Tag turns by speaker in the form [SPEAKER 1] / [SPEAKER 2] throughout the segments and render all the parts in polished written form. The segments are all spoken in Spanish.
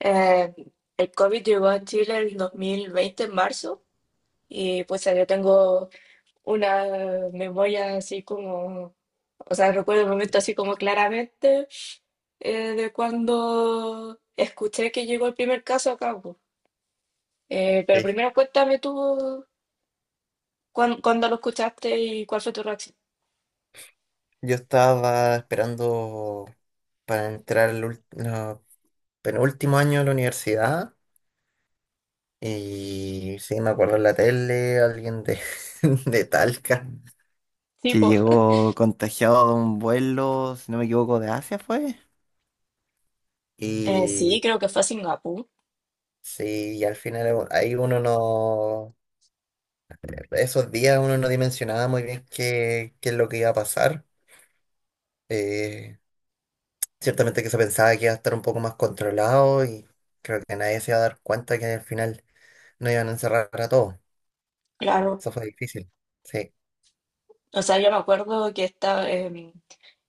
[SPEAKER 1] Eh, el COVID llegó a Chile el 2020 en marzo, y pues yo tengo una memoria así como, o sea, recuerdo el momento así como claramente de cuando escuché que llegó el primer caso acá, pues. Pero
[SPEAKER 2] Sí,
[SPEAKER 1] primero cuéntame tú cuándo lo escuchaste y cuál fue tu reacción.
[SPEAKER 2] yo estaba esperando para entrar el ult- no, penúltimo año de la universidad y sí, me acuerdo en la tele de Talca
[SPEAKER 1] Sí,
[SPEAKER 2] que
[SPEAKER 1] pues.
[SPEAKER 2] llegó contagiado de un vuelo, si no me equivoco, de Asia fue.
[SPEAKER 1] Sí,
[SPEAKER 2] Y
[SPEAKER 1] creo que fue a Singapur,
[SPEAKER 2] sí, y al final ahí uno no, esos días uno no dimensionaba muy bien qué es lo que iba a pasar. Eh, Ciertamente que se pensaba que iba a estar un poco más controlado y creo que nadie se iba a dar cuenta que al final no iban a encerrar a todos.
[SPEAKER 1] claro.
[SPEAKER 2] Eso fue difícil. Sí,
[SPEAKER 1] O sea, yo me acuerdo que estaba,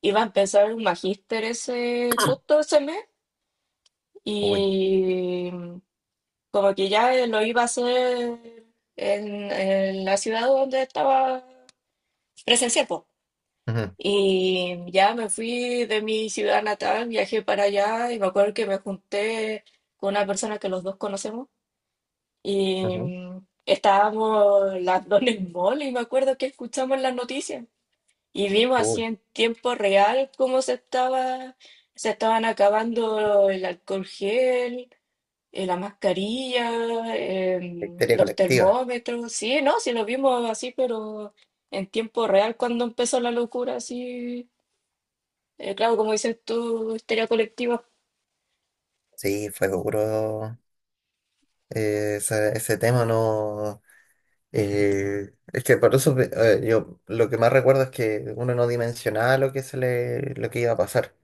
[SPEAKER 1] iba a empezar un magíster ese, justo ese mes.
[SPEAKER 2] uy.
[SPEAKER 1] Y como que ya lo iba a hacer en la ciudad donde estaba presencial, po.
[SPEAKER 2] Ujú,
[SPEAKER 1] Y ya me fui de mi ciudad natal, viajé para allá y me acuerdo que me junté con una persona que los dos conocemos y
[SPEAKER 2] ujú.
[SPEAKER 1] estábamos las dos en el mall y me acuerdo que escuchamos las noticias y vimos así
[SPEAKER 2] Uy,
[SPEAKER 1] en tiempo real se estaban acabando el alcohol gel, la mascarilla,
[SPEAKER 2] la histeria
[SPEAKER 1] los
[SPEAKER 2] colectiva.
[SPEAKER 1] termómetros. Sí, no, sí lo vimos así, pero en tiempo real cuando empezó la locura, así. Eh, claro, como dices tú, histeria colectiva,
[SPEAKER 2] Sí, fue duro ese tema, no. Es que por eso yo lo que más recuerdo es que uno no dimensionaba lo lo que iba a pasar.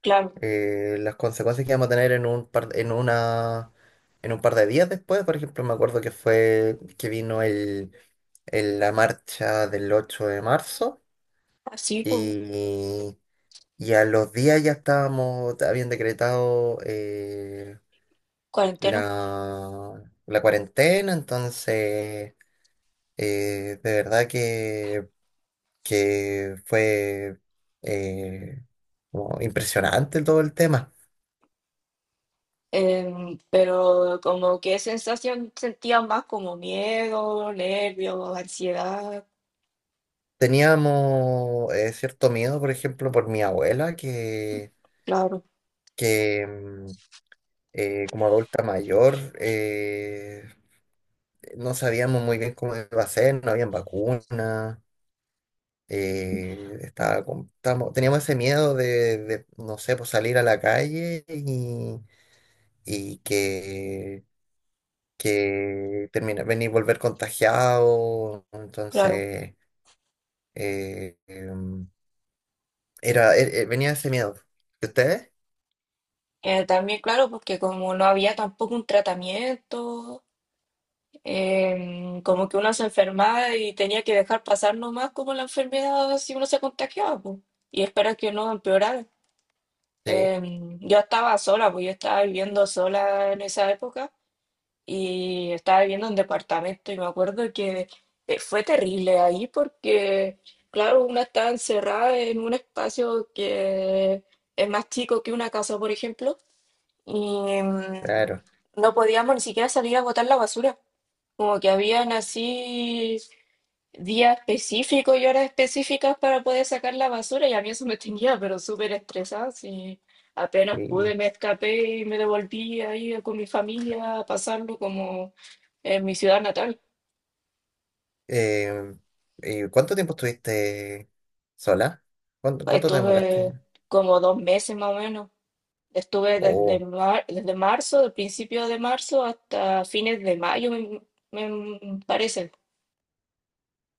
[SPEAKER 1] claro,
[SPEAKER 2] Las consecuencias que vamos a tener en un en un par de días después. Por ejemplo, me acuerdo que fue que vino la marcha del 8 de marzo
[SPEAKER 1] así como
[SPEAKER 2] y, y a los días ya estábamos, habían decretado
[SPEAKER 1] cuarentena.
[SPEAKER 2] la cuarentena, entonces de verdad que fue eh, como impresionante todo el tema.
[SPEAKER 1] Pero como que sensación sentía más como miedo, nervios, ansiedad,
[SPEAKER 2] Teníamos cierto miedo, por ejemplo, por mi abuela,
[SPEAKER 1] claro,
[SPEAKER 2] que como adulta mayor, no sabíamos muy bien cómo iba a ser, no habían vacunas, teníamos ese miedo de no sé, pues salir a la calle, y que, que volver contagiado,
[SPEAKER 1] claro.
[SPEAKER 2] entonces eh, em, venía ese miedo. ¿Y ustedes?
[SPEAKER 1] También, claro, porque como no había tampoco un tratamiento. Em, como que uno se enfermaba y tenía que dejar pasar nomás como la enfermedad si uno se contagiaba, pues, y esperar que no empeorara.
[SPEAKER 2] Sí.
[SPEAKER 1] Em, yo estaba sola, pues yo estaba viviendo sola en esa época y estaba viviendo en departamento y me acuerdo que fue terrible ahí porque, claro, una estaba encerrada en un espacio que es más chico que una casa, por ejemplo, y
[SPEAKER 2] Claro,
[SPEAKER 1] no podíamos ni siquiera salir a botar la basura. Como que habían así días específicos y horas específicas para poder sacar la basura y a mí eso me tenía, pero súper estresada. Sí. Apenas pude,
[SPEAKER 2] sí.
[SPEAKER 1] me escapé y me devolví ahí con mi familia a pasarlo como en mi ciudad natal.
[SPEAKER 2] Eh, ¿Y cuánto tiempo estuviste sola? ¿Cuánto te demoraste?
[SPEAKER 1] Estuve como dos meses más o menos. Estuve desde,
[SPEAKER 2] Oh,
[SPEAKER 1] desde marzo, del principio de marzo hasta fines de mayo, me parece.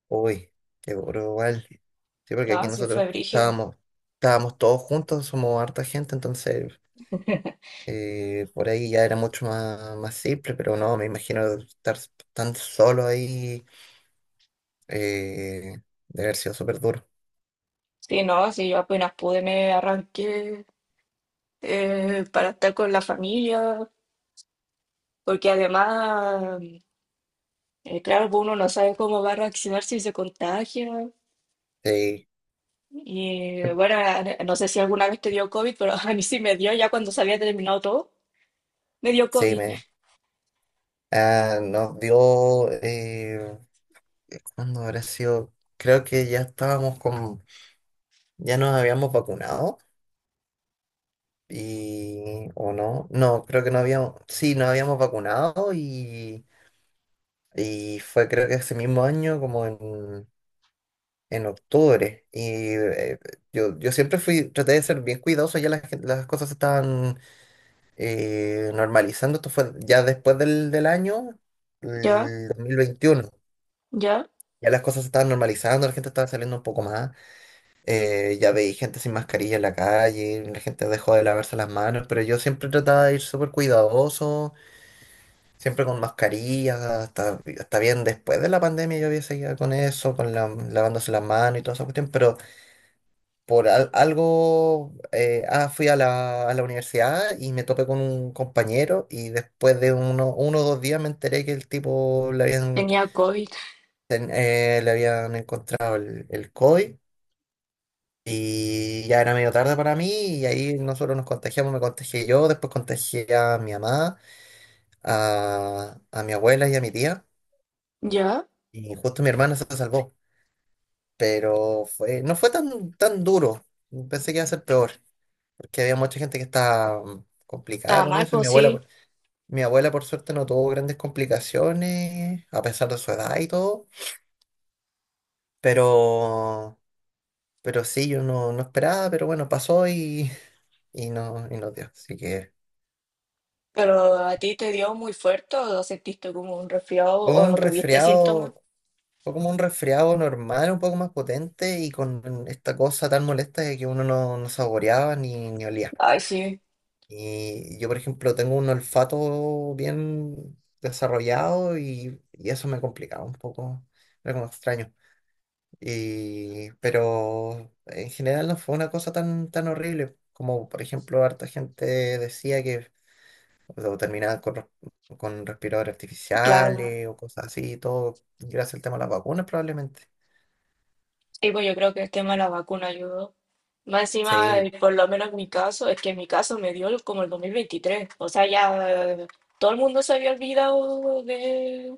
[SPEAKER 2] uy, qué duro igual. Sí, porque
[SPEAKER 1] Ah,
[SPEAKER 2] aquí
[SPEAKER 1] sí, fue brígido.
[SPEAKER 2] estábamos todos juntos, somos harta gente, entonces por ahí ya era más simple, pero no, me imagino estar tan solo ahí eh, debe haber sido súper duro.
[SPEAKER 1] Sí, no, sí, yo apenas pude, me arranqué, para estar con la familia, porque además, claro, pues uno no sabe cómo va a reaccionar si se contagia.
[SPEAKER 2] Sí,
[SPEAKER 1] Y bueno, a- no sé si alguna vez te dio COVID, pero a mí sí me dio ya cuando se había terminado todo. Me dio
[SPEAKER 2] sí,
[SPEAKER 1] COVID.
[SPEAKER 2] ah, nos dio ¿cuándo habrá sido? Creo que ya estábamos ya nos habíamos vacunado y, o no, creo que no habíamos, sí, nos habíamos vacunado y fue creo que ese mismo año como en octubre y yo siempre fui, traté de ser bien cuidadoso, ya las cosas se estaban normalizando, esto fue ya después del año,
[SPEAKER 1] Ya,
[SPEAKER 2] el 2021.
[SPEAKER 1] ya,
[SPEAKER 2] Ya las cosas se estaban normalizando, la gente estaba saliendo un poco más. Ya veis gente sin mascarilla en la calle, la gente dejó de lavarse las manos, pero yo siempre trataba de ir súper cuidadoso, siempre con mascarilla, hasta bien después de la pandemia yo había seguido con eso, con la- lavándose las manos y toda esa cuestión, pero por algo fui a a la universidad y me topé con un compañero y después de uno o dos días me enteré que el tipo
[SPEAKER 1] tenía COVID.
[SPEAKER 2] le habían encontrado el COVID. Y ya era medio tarde para mí y ahí nosotros nos contagiamos, me contagié yo, después contagié a mi mamá, a mi abuela y a mi tía.
[SPEAKER 1] Ya,
[SPEAKER 2] Y justo mi hermana se salvó. Pero no fue tan duro. Pensé que iba a ser peor, porque había mucha gente que estaba complicada
[SPEAKER 1] estaba
[SPEAKER 2] con
[SPEAKER 1] mal,
[SPEAKER 2] eso. Y mi
[SPEAKER 1] pues sí.
[SPEAKER 2] mi abuela por suerte no tuvo grandes complicaciones, a pesar de su edad y todo. Pero, pero sí, yo no esperaba, pero bueno, pasó y no dio. Así que...
[SPEAKER 1] Pero a ti te dio muy fuerte o sentiste como un resfriado
[SPEAKER 2] Fue
[SPEAKER 1] o
[SPEAKER 2] un
[SPEAKER 1] no tuviste síntomas.
[SPEAKER 2] resfriado, fue como un resfriado normal, un poco más potente y con esta cosa tan molesta de que uno no, no saboreaba ni olía.
[SPEAKER 1] Ay, sí,
[SPEAKER 2] Y yo, por ejemplo, tengo un olfato bien desarrollado y eso me complicaba un poco, era como extraño. Y, pero en general no fue una cosa tan horrible como, por ejemplo, harta gente decía que o sea, terminaban con respiradores
[SPEAKER 1] claro.
[SPEAKER 2] artificiales o cosas así, todo gracias al tema de las vacunas probablemente.
[SPEAKER 1] Y pues yo creo que el tema de la vacuna ayudó. Más encima,
[SPEAKER 2] Sí,
[SPEAKER 1] por lo menos en mi caso, es que en mi caso me dio como el 2023. O sea, ya, todo el mundo se había olvidado de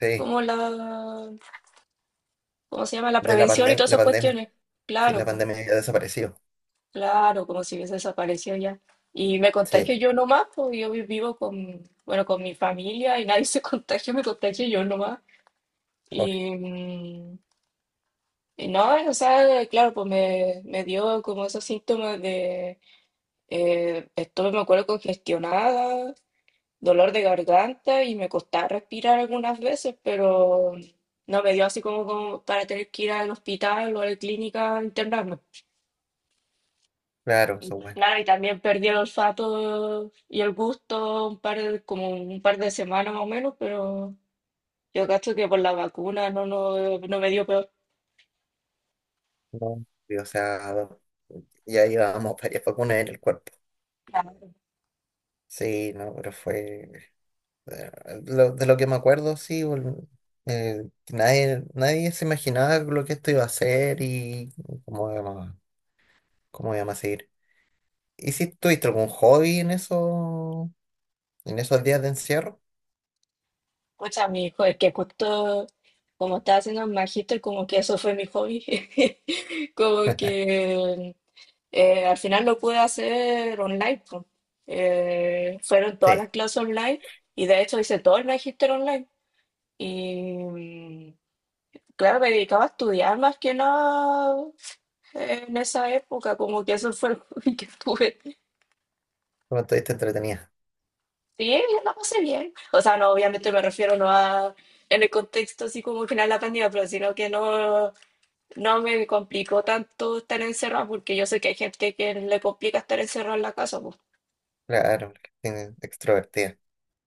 [SPEAKER 2] sí,
[SPEAKER 1] como la, ¿cómo se llama? La
[SPEAKER 2] de la
[SPEAKER 1] prevención y
[SPEAKER 2] pandemia,
[SPEAKER 1] todas
[SPEAKER 2] la
[SPEAKER 1] esas
[SPEAKER 2] pandemia.
[SPEAKER 1] cuestiones.
[SPEAKER 2] Sí,
[SPEAKER 1] Claro,
[SPEAKER 2] la
[SPEAKER 1] pues,
[SPEAKER 2] pandemia ya desapareció.
[SPEAKER 1] claro, como si hubiese desaparecido ya. Y me contagio
[SPEAKER 2] Sí,
[SPEAKER 1] yo nomás, pues yo vivo con, bueno, con mi familia y nadie se contagia, me contagio yo nomás.
[SPEAKER 2] uy,
[SPEAKER 1] Y, y no, o sea, claro, pues me dio como esos síntomas. Estuve, me acuerdo, congestionada, dolor de garganta y me costaba respirar algunas veces, pero no me dio así como, como para tener que ir al hospital o a la clínica a internarme.
[SPEAKER 2] claro,
[SPEAKER 1] Y
[SPEAKER 2] eso bueno.
[SPEAKER 1] claro, y también perdí el olfato y el gusto un par de, como un par de semanas más o menos, pero yo cacho que por la vacuna no, no me dio peor.
[SPEAKER 2] No. Y o sea, ya llevábamos varias vacunas en el cuerpo.
[SPEAKER 1] Claro.
[SPEAKER 2] Sí, no, pero fue... eh, de lo que me acuerdo, sí, que nadie, nadie se imaginaba lo que esto iba a ser y cómo íbamos, cómo íbamos a seguir. ¿Y si tuviste algún hobby en eso, en esos días de encierro?
[SPEAKER 1] Escucha, mi hijo, es que justo como estaba haciendo el magíster, como que eso fue mi hobby. Como que al final lo pude hacer online, po. Fueron todas
[SPEAKER 2] Sí,
[SPEAKER 1] las clases online y de hecho hice todo el magister online. Y claro, me dedicaba a estudiar más que nada en esa época, como que eso fue lo hobby que tuve.
[SPEAKER 2] como estuviste entretenida.
[SPEAKER 1] Sí, la pasé bien. O sea, no, obviamente me refiero no a en el contexto así como al final de la pandemia, pero sino que no, no me complicó tanto estar encerrada, porque yo sé que hay gente que le complica estar encerrada en la casa, po.
[SPEAKER 2] Claro, porque tiene- extrovertida.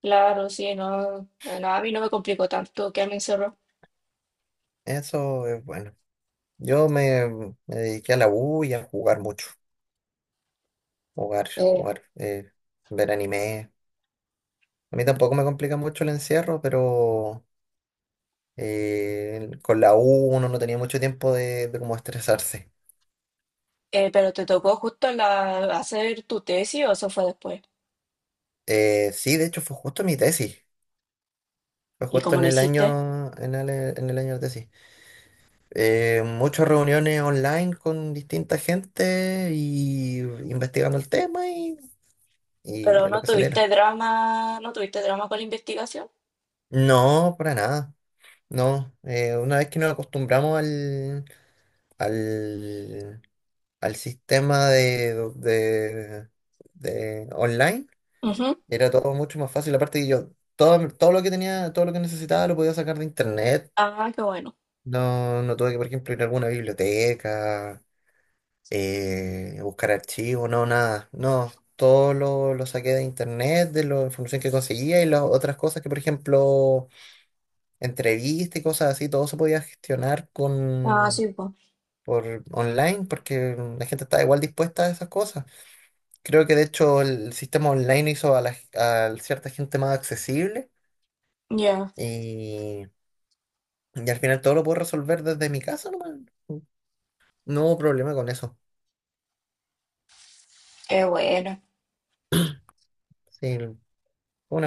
[SPEAKER 1] Claro, sí, no, no, a mí no me complicó tanto quedarme encerrado.
[SPEAKER 2] Eso es bueno. Yo me, me dediqué a la U y a jugar mucho.
[SPEAKER 1] Eh,
[SPEAKER 2] Jugar, ver anime. A mí tampoco me complica mucho el encierro, pero con la U uno no tenía mucho tiempo de como estresarse.
[SPEAKER 1] pero te tocó justo la, hacer tu tesis o eso fue después.
[SPEAKER 2] Sí, de hecho fue justo mi tesis. Fue
[SPEAKER 1] ¿Y
[SPEAKER 2] justo
[SPEAKER 1] cómo
[SPEAKER 2] en
[SPEAKER 1] lo
[SPEAKER 2] el
[SPEAKER 1] hiciste?
[SPEAKER 2] año, en en el año de tesis. Muchas reuniones online con distinta gente y investigando el tema y
[SPEAKER 1] Pero
[SPEAKER 2] a lo
[SPEAKER 1] no
[SPEAKER 2] que saliera.
[SPEAKER 1] tuviste drama, no tuviste drama con la investigación.
[SPEAKER 2] No, para nada. No, una vez que nos acostumbramos al, al sistema de online,
[SPEAKER 1] Ujú.
[SPEAKER 2] era todo mucho más fácil. Aparte que yo, todo, todo lo que tenía, todo lo que necesitaba lo podía sacar de internet.
[SPEAKER 1] Ah, qué bueno.
[SPEAKER 2] No, no tuve que, por ejemplo, ir a alguna biblioteca buscar archivos, no, nada. No, todo lo saqué de internet, de la información que conseguía y las otras cosas que, por ejemplo, entrevistas y cosas así, todo se podía gestionar
[SPEAKER 1] Ah,
[SPEAKER 2] con,
[SPEAKER 1] sí, pues.
[SPEAKER 2] por online porque la gente estaba igual dispuesta a esas cosas. Creo que de hecho el sistema online hizo a, a cierta gente más accesible
[SPEAKER 1] Ya,
[SPEAKER 2] y, y al final todo lo puedo resolver desde mi casa, nomás. No hubo problema con eso.
[SPEAKER 1] qué bueno.
[SPEAKER 2] Sí, fue una